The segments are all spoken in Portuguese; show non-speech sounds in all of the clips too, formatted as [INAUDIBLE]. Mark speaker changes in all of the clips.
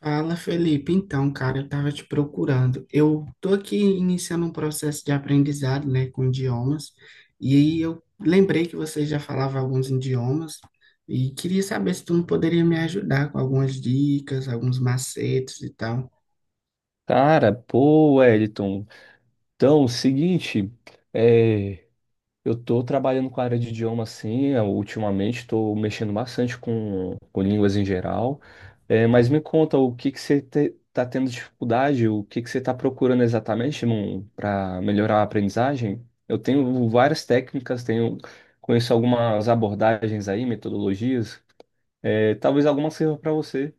Speaker 1: Fala, Felipe. Então, cara, eu estava te procurando. Eu tô aqui iniciando um processo de aprendizado, né, com idiomas, e aí eu lembrei que você já falava alguns idiomas e queria saber se tu não poderia me ajudar com algumas dicas, alguns macetes e tal.
Speaker 2: Cara, pô, Wellington. Então, seguinte, é, eu tô trabalhando com a área de idioma assim, eu, ultimamente tô mexendo bastante com línguas em geral. É, mas me conta, o que que você tá tendo dificuldade? O que que você tá procurando exatamente para melhorar a aprendizagem? Eu tenho várias técnicas, tenho conheço algumas abordagens aí, metodologias. É, talvez alguma sirva para você.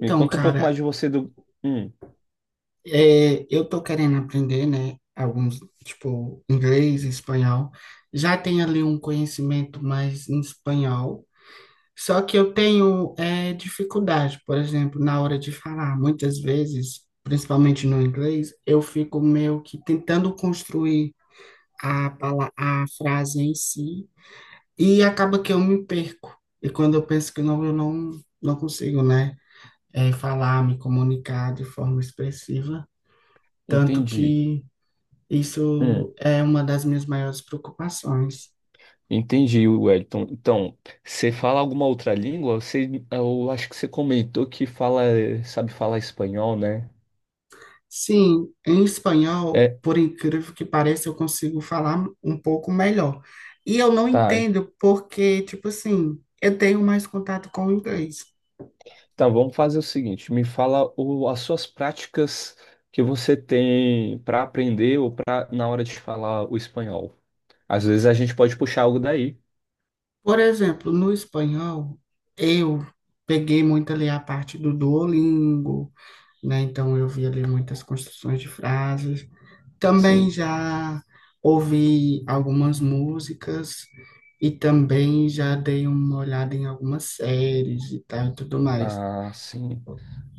Speaker 2: Me conta um pouco
Speaker 1: cara,
Speaker 2: mais de você do. Hum,
Speaker 1: eu tô querendo aprender, né, alguns, tipo, inglês, espanhol. Já tenho ali um conhecimento mais em espanhol. Só que eu tenho dificuldade, por exemplo, na hora de falar. Muitas vezes, principalmente no inglês, eu fico meio que tentando construir a frase em si e acaba que eu me perco. E quando eu penso que não, eu não, não consigo, né, falar, me comunicar de forma expressiva. Tanto
Speaker 2: entendi.
Speaker 1: que
Speaker 2: Hum.
Speaker 1: isso é uma das minhas maiores preocupações.
Speaker 2: Entendi, Wellington. Então, você fala alguma outra língua? Eu acho que você comentou que fala, sabe falar espanhol, né?
Speaker 1: Sim, em espanhol,
Speaker 2: É,
Speaker 1: por incrível que pareça, eu consigo falar um pouco melhor. E eu não
Speaker 2: tá.
Speaker 1: entendo porque, tipo assim, eu tenho mais contato com o inglês.
Speaker 2: Então, vamos fazer o seguinte: me fala as suas práticas que você tem para aprender ou para na hora de falar o espanhol. Às vezes a gente pode puxar algo daí.
Speaker 1: Por exemplo, no espanhol, eu peguei muito ali a parte do Duolingo, né? Então eu vi ali muitas construções de frases. Também
Speaker 2: Sim.
Speaker 1: já ouvi algumas músicas e também já dei uma olhada em algumas séries e tal e tudo mais.
Speaker 2: Ah, sim.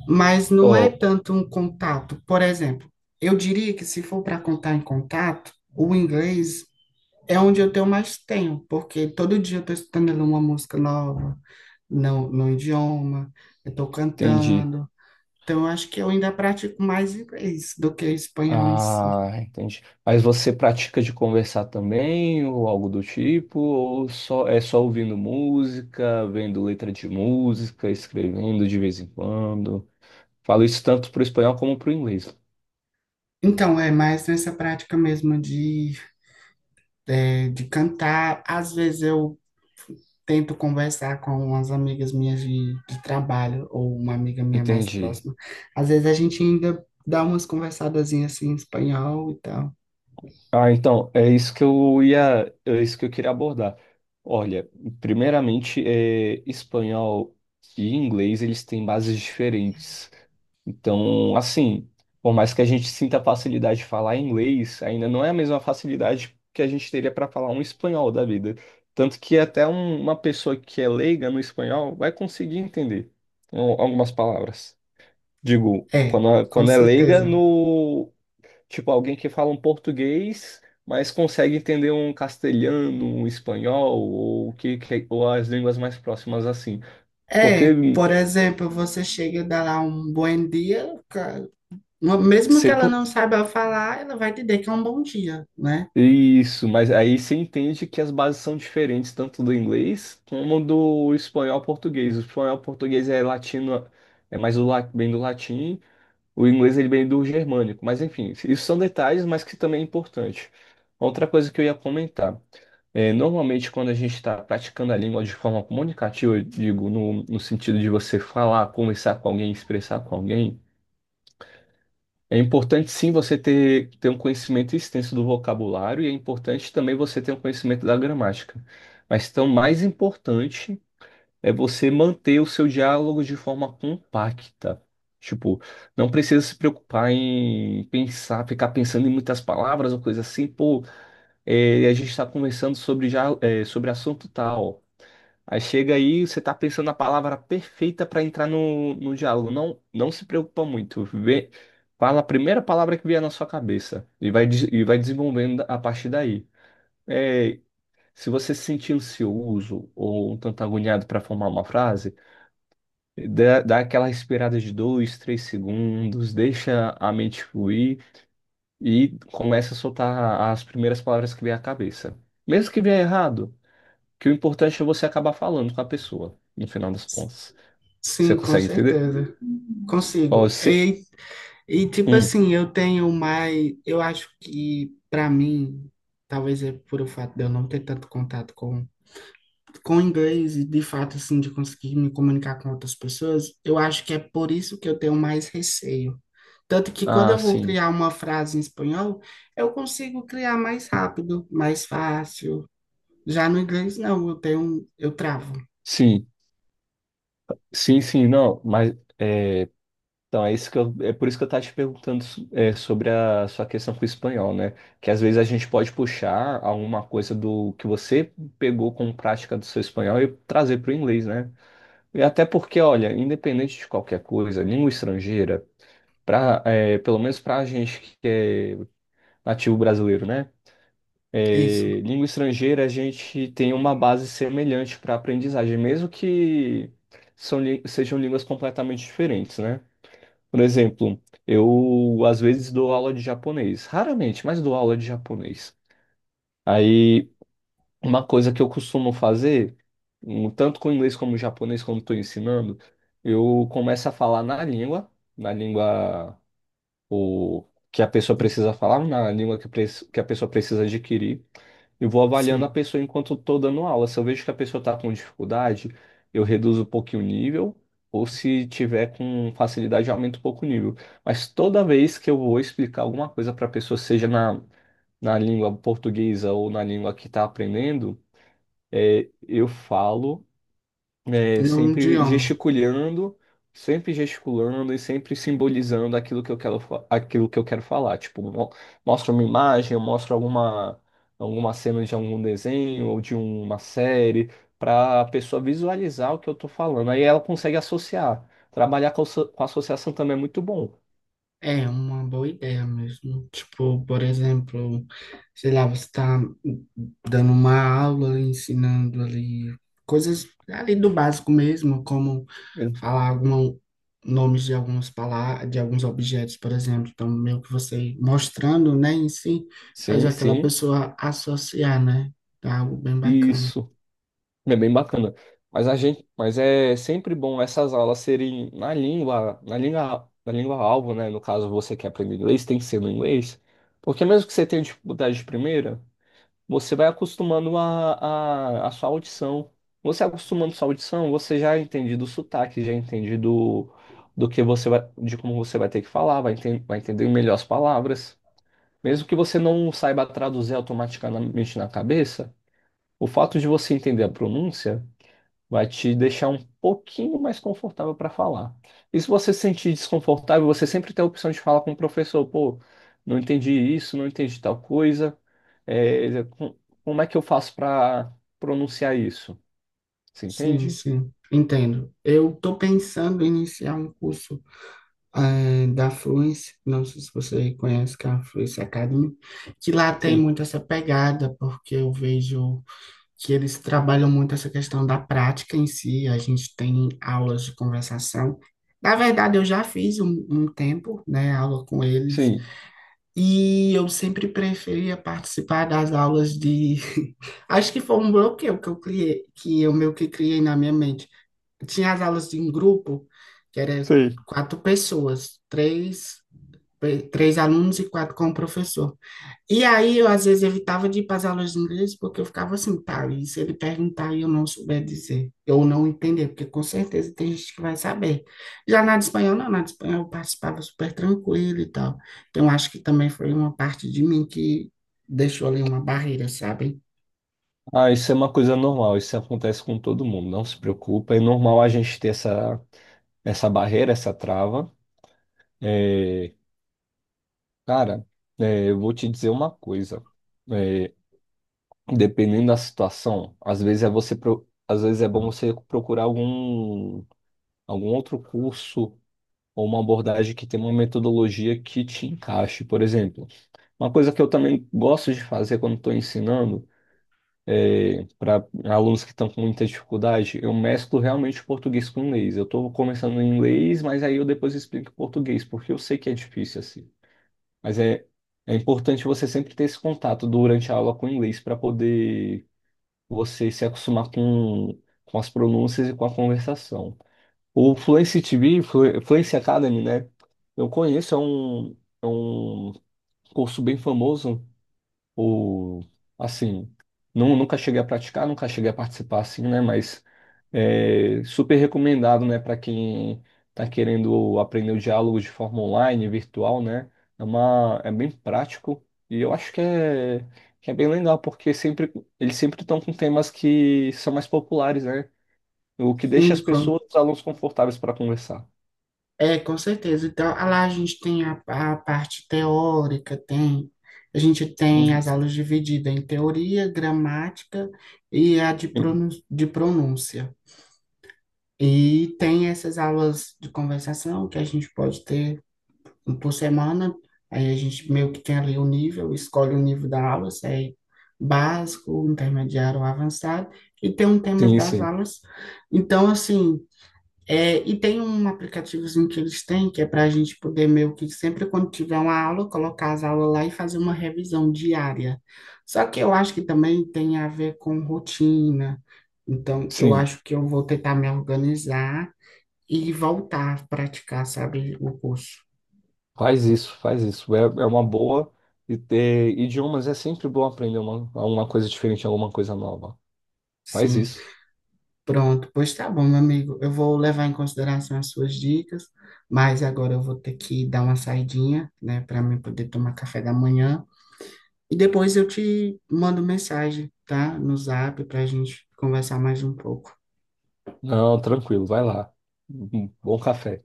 Speaker 1: Mas não é
Speaker 2: Ó,
Speaker 1: tanto um contato. Por exemplo, eu diria que se for para contar em contato, o inglês é onde eu tenho mais tempo, porque todo dia eu estou estudando ali uma música nova, no idioma, eu estou
Speaker 2: entendi.
Speaker 1: cantando. Então, eu acho que eu ainda pratico mais inglês do que espanhol em si.
Speaker 2: Ah, entendi. Mas você pratica de conversar também, ou algo do tipo, ou só é só ouvindo música, vendo letra de música, escrevendo de vez em quando? Falo isso tanto para o espanhol como para o inglês.
Speaker 1: Então, é mais nessa prática mesmo de cantar. Às vezes eu tento conversar com umas amigas minhas de trabalho ou uma amiga minha mais
Speaker 2: Entendi.
Speaker 1: próxima. Às vezes a gente ainda dá umas conversadazinhas assim em espanhol e tal.
Speaker 2: Ah, então, é isso que eu queria abordar. Olha, primeiramente, espanhol e inglês, eles têm bases diferentes. Então, assim, por mais que a gente sinta facilidade de falar inglês, ainda não é a mesma facilidade que a gente teria para falar um espanhol da vida. Tanto que até uma pessoa que é leiga no espanhol vai conseguir entender algumas palavras. Digo,
Speaker 1: É,
Speaker 2: quando,
Speaker 1: com
Speaker 2: quando é leiga
Speaker 1: certeza.
Speaker 2: no, tipo, alguém que fala um português, mas consegue entender um castelhano, um espanhol, ou, ou as línguas mais próximas assim. Porque
Speaker 1: É, por exemplo, você chega e dá lá um bom dia, mesmo que ela não saiba falar, ela vai te dizer que é um bom dia, né?
Speaker 2: Isso, mas aí você entende que as bases são diferentes tanto do inglês como do espanhol ao português. O espanhol ao português é latino, é mais bem do latim, o inglês ele vem do germânico. Mas enfim, isso são detalhes, mas que também é importante. Outra coisa que eu ia comentar. É, normalmente, quando a gente está praticando a língua de forma comunicativa, eu digo, no sentido de você falar, conversar com alguém, expressar com alguém, é importante sim você ter um conhecimento extenso do vocabulário e é importante também você ter um conhecimento da gramática. Mas então, mais importante é você manter o seu diálogo de forma compacta. Tipo, não precisa se preocupar em pensar, ficar pensando em muitas palavras ou coisa assim. Pô, é, a gente está conversando sobre, já, é, sobre assunto tal. Aí chega aí, você tá pensando na palavra perfeita para entrar no diálogo. Não, não se preocupa muito. Vê, fala a primeira palavra que vier na sua cabeça e e vai desenvolvendo a partir daí. É, se você se sentir ansioso ou um tanto agoniado para formar uma frase, dá aquela respirada de dois, três segundos, deixa a mente fluir e começa a soltar as primeiras palavras que vier à cabeça. Mesmo que vier errado, que o importante é você acabar falando com a pessoa, no final das contas. Você
Speaker 1: Sim, com
Speaker 2: consegue entender?
Speaker 1: certeza. Consigo.
Speaker 2: Ó, se...
Speaker 1: E e tipo
Speaker 2: Hum.
Speaker 1: assim, eu tenho mais, eu acho que para mim, talvez é por o fato de eu não ter tanto contato com inglês e de fato assim de conseguir me comunicar com outras pessoas, eu acho que é por isso que eu tenho mais receio. Tanto que quando
Speaker 2: Ah,
Speaker 1: eu vou
Speaker 2: sim.
Speaker 1: criar uma frase em espanhol, eu consigo criar mais rápido, mais fácil. Já no inglês não, eu tenho, eu travo.
Speaker 2: Sim. Sim, sim, não, mas... É... Então, é por isso que eu tava te perguntando sobre a sua questão com o espanhol, né? Que às vezes a gente pode puxar alguma coisa do que você pegou como prática do seu espanhol e trazer para o inglês, né? E até porque, olha, independente de qualquer coisa, língua estrangeira, pelo menos para a gente que é nativo brasileiro, né?
Speaker 1: Isso,
Speaker 2: É, língua estrangeira, a gente tem uma base semelhante para aprendizagem, mesmo que sejam línguas completamente diferentes, né? Por exemplo, eu às vezes dou aula de japonês, raramente, mas dou aula de japonês. Aí, uma coisa que eu costumo fazer, tanto com inglês como japonês, quando estou ensinando, eu começo a falar na língua, na língua. O que a pessoa precisa falar, na língua que a pessoa precisa adquirir. Eu vou avaliando a
Speaker 1: sim,
Speaker 2: pessoa enquanto estou dando aula. Se eu vejo que a pessoa está com dificuldade, eu reduzo um pouquinho o nível, ou se tiver com facilidade, eu aumento um pouco o nível. Mas toda vez que eu vou explicar alguma coisa para a pessoa, seja na língua portuguesa ou na língua que está aprendendo, é, eu falo. É,
Speaker 1: no
Speaker 2: sempre
Speaker 1: idioma.
Speaker 2: gesticulando, sempre gesticulando e sempre simbolizando aquilo que eu aquilo que eu quero falar. Mostra uma imagem, eu mostro alguma cena de algum desenho ou de uma série, para a pessoa visualizar o que eu estou falando. Aí ela consegue associar. Trabalhar com associação também é muito bom.
Speaker 1: É uma boa ideia mesmo. Tipo, por exemplo, sei lá, você tá dando uma aula, ensinando ali coisas ali do básico mesmo, como
Speaker 2: É.
Speaker 1: falar algum, nomes de algumas palavras, de alguns objetos, por exemplo. Então, meio que você mostrando, né, em si, faz
Speaker 2: Sim,
Speaker 1: aquela
Speaker 2: sim.
Speaker 1: pessoa associar, né? É algo bem bacana.
Speaker 2: Isso. É bem bacana. Mas é sempre bom essas aulas serem na língua alvo, né? No caso, você quer aprender inglês, tem que ser no inglês. Porque mesmo que você tenha dificuldade de primeira, você vai acostumando a sua audição. Você acostumando sua audição, você já entende do sotaque, já entende do que você vai, de como você vai ter que falar, vai entender melhor as palavras. Mesmo que você não saiba traduzir automaticamente na cabeça, o fato de você entender a pronúncia vai te deixar um pouquinho mais confortável para falar. E se você se sentir desconfortável, você sempre tem a opção de falar com o professor, pô, não entendi isso, não entendi tal coisa. É, é, com- como é que eu faço para pronunciar isso? Você
Speaker 1: Sim,
Speaker 2: entende?
Speaker 1: sim, entendo. Eu tô pensando em iniciar um curso. É, da Fluence, não sei se você conhece, que é a Fluence Academy, que lá tem
Speaker 2: Sim,
Speaker 1: muito essa pegada, porque eu vejo que eles trabalham muito essa questão da prática em si, a gente tem aulas de conversação. Na verdade, eu já fiz um tempo, né, aula com eles,
Speaker 2: sim.
Speaker 1: e eu sempre preferia participar das aulas de... [LAUGHS] Acho que foi um bloqueio que eu criei, que eu meio que criei na minha mente. Tinha as aulas em grupo, que era
Speaker 2: Sim.
Speaker 1: quatro pessoas, três alunos e quatro com o professor. E aí eu às vezes evitava de ir para as aulas de inglês porque eu ficava assim, tá, e se ele perguntar e eu não souber dizer, eu não entender, porque com certeza tem gente que vai saber. Já na de espanhol, não, na de espanhol eu participava super tranquilo e tal. Então acho que também foi uma parte de mim que deixou ali uma barreira, sabe?
Speaker 2: Ah, isso é uma coisa normal, isso acontece com todo mundo, não se preocupa. É normal a gente ter essa barreira, essa trava. Cara, é, eu vou te dizer uma coisa. É, dependendo da situação, às vezes é bom você procurar algum outro curso ou uma abordagem que tenha uma metodologia que te encaixe, por exemplo. Uma coisa que eu também gosto de fazer quando estou ensinando para alunos que estão com muita dificuldade, eu mesclo realmente o português com o inglês. Eu estou começando em inglês, mas aí eu depois explico em português, porque eu sei que é difícil assim. Mas é, é importante você sempre ter esse contato durante a aula com o inglês para poder você se acostumar com as pronúncias e com a conversação. O Fluency TV, Fluency Academy, né? Eu conheço, é um curso bem famoso ou assim, não, nunca cheguei a praticar, nunca cheguei a participar assim, né? Mas é super recomendado, né, para quem está querendo aprender o diálogo de forma online, virtual, né? É bem prático e eu acho que é bem legal, porque sempre, eles sempre estão com temas que são mais populares, né? O que deixa
Speaker 1: Sim,
Speaker 2: as pessoas, os alunos confortáveis para conversar.
Speaker 1: é, com certeza. Então, ah, lá a gente tem a parte teórica, tem, a gente tem
Speaker 2: Uhum.
Speaker 1: as aulas divididas em teoria, gramática e a
Speaker 2: Sim,
Speaker 1: de pronúncia. E tem essas aulas de conversação que a gente pode ter um por semana. Aí a gente meio que tem ali o nível, escolhe o nível da aula, se é básico, intermediário ou avançado, e tem um tema das
Speaker 2: sim.
Speaker 1: aulas. Então, assim, é, e tem um aplicativozinho que eles têm, que é para a gente poder meio que sempre quando tiver uma aula, colocar as aulas lá e fazer uma revisão diária. Só que eu acho que também tem a ver com rotina. Então, eu
Speaker 2: Sim.
Speaker 1: acho que eu vou tentar me organizar e voltar a praticar, sabe, o curso.
Speaker 2: Faz isso, faz isso. É, é uma boa. E ter idiomas é sempre bom aprender uma coisa diferente, alguma coisa nova. Faz
Speaker 1: Sim,
Speaker 2: isso.
Speaker 1: pronto. Pois tá bom, meu amigo. Eu vou levar em consideração as suas dicas, mas agora eu vou ter que dar uma saidinha, né, para mim poder tomar café da manhã. E depois eu te mando mensagem, tá? No Zap para a gente conversar mais um pouco.
Speaker 2: Não, tranquilo, vai lá. Bom café.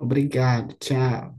Speaker 1: Obrigado, tchau.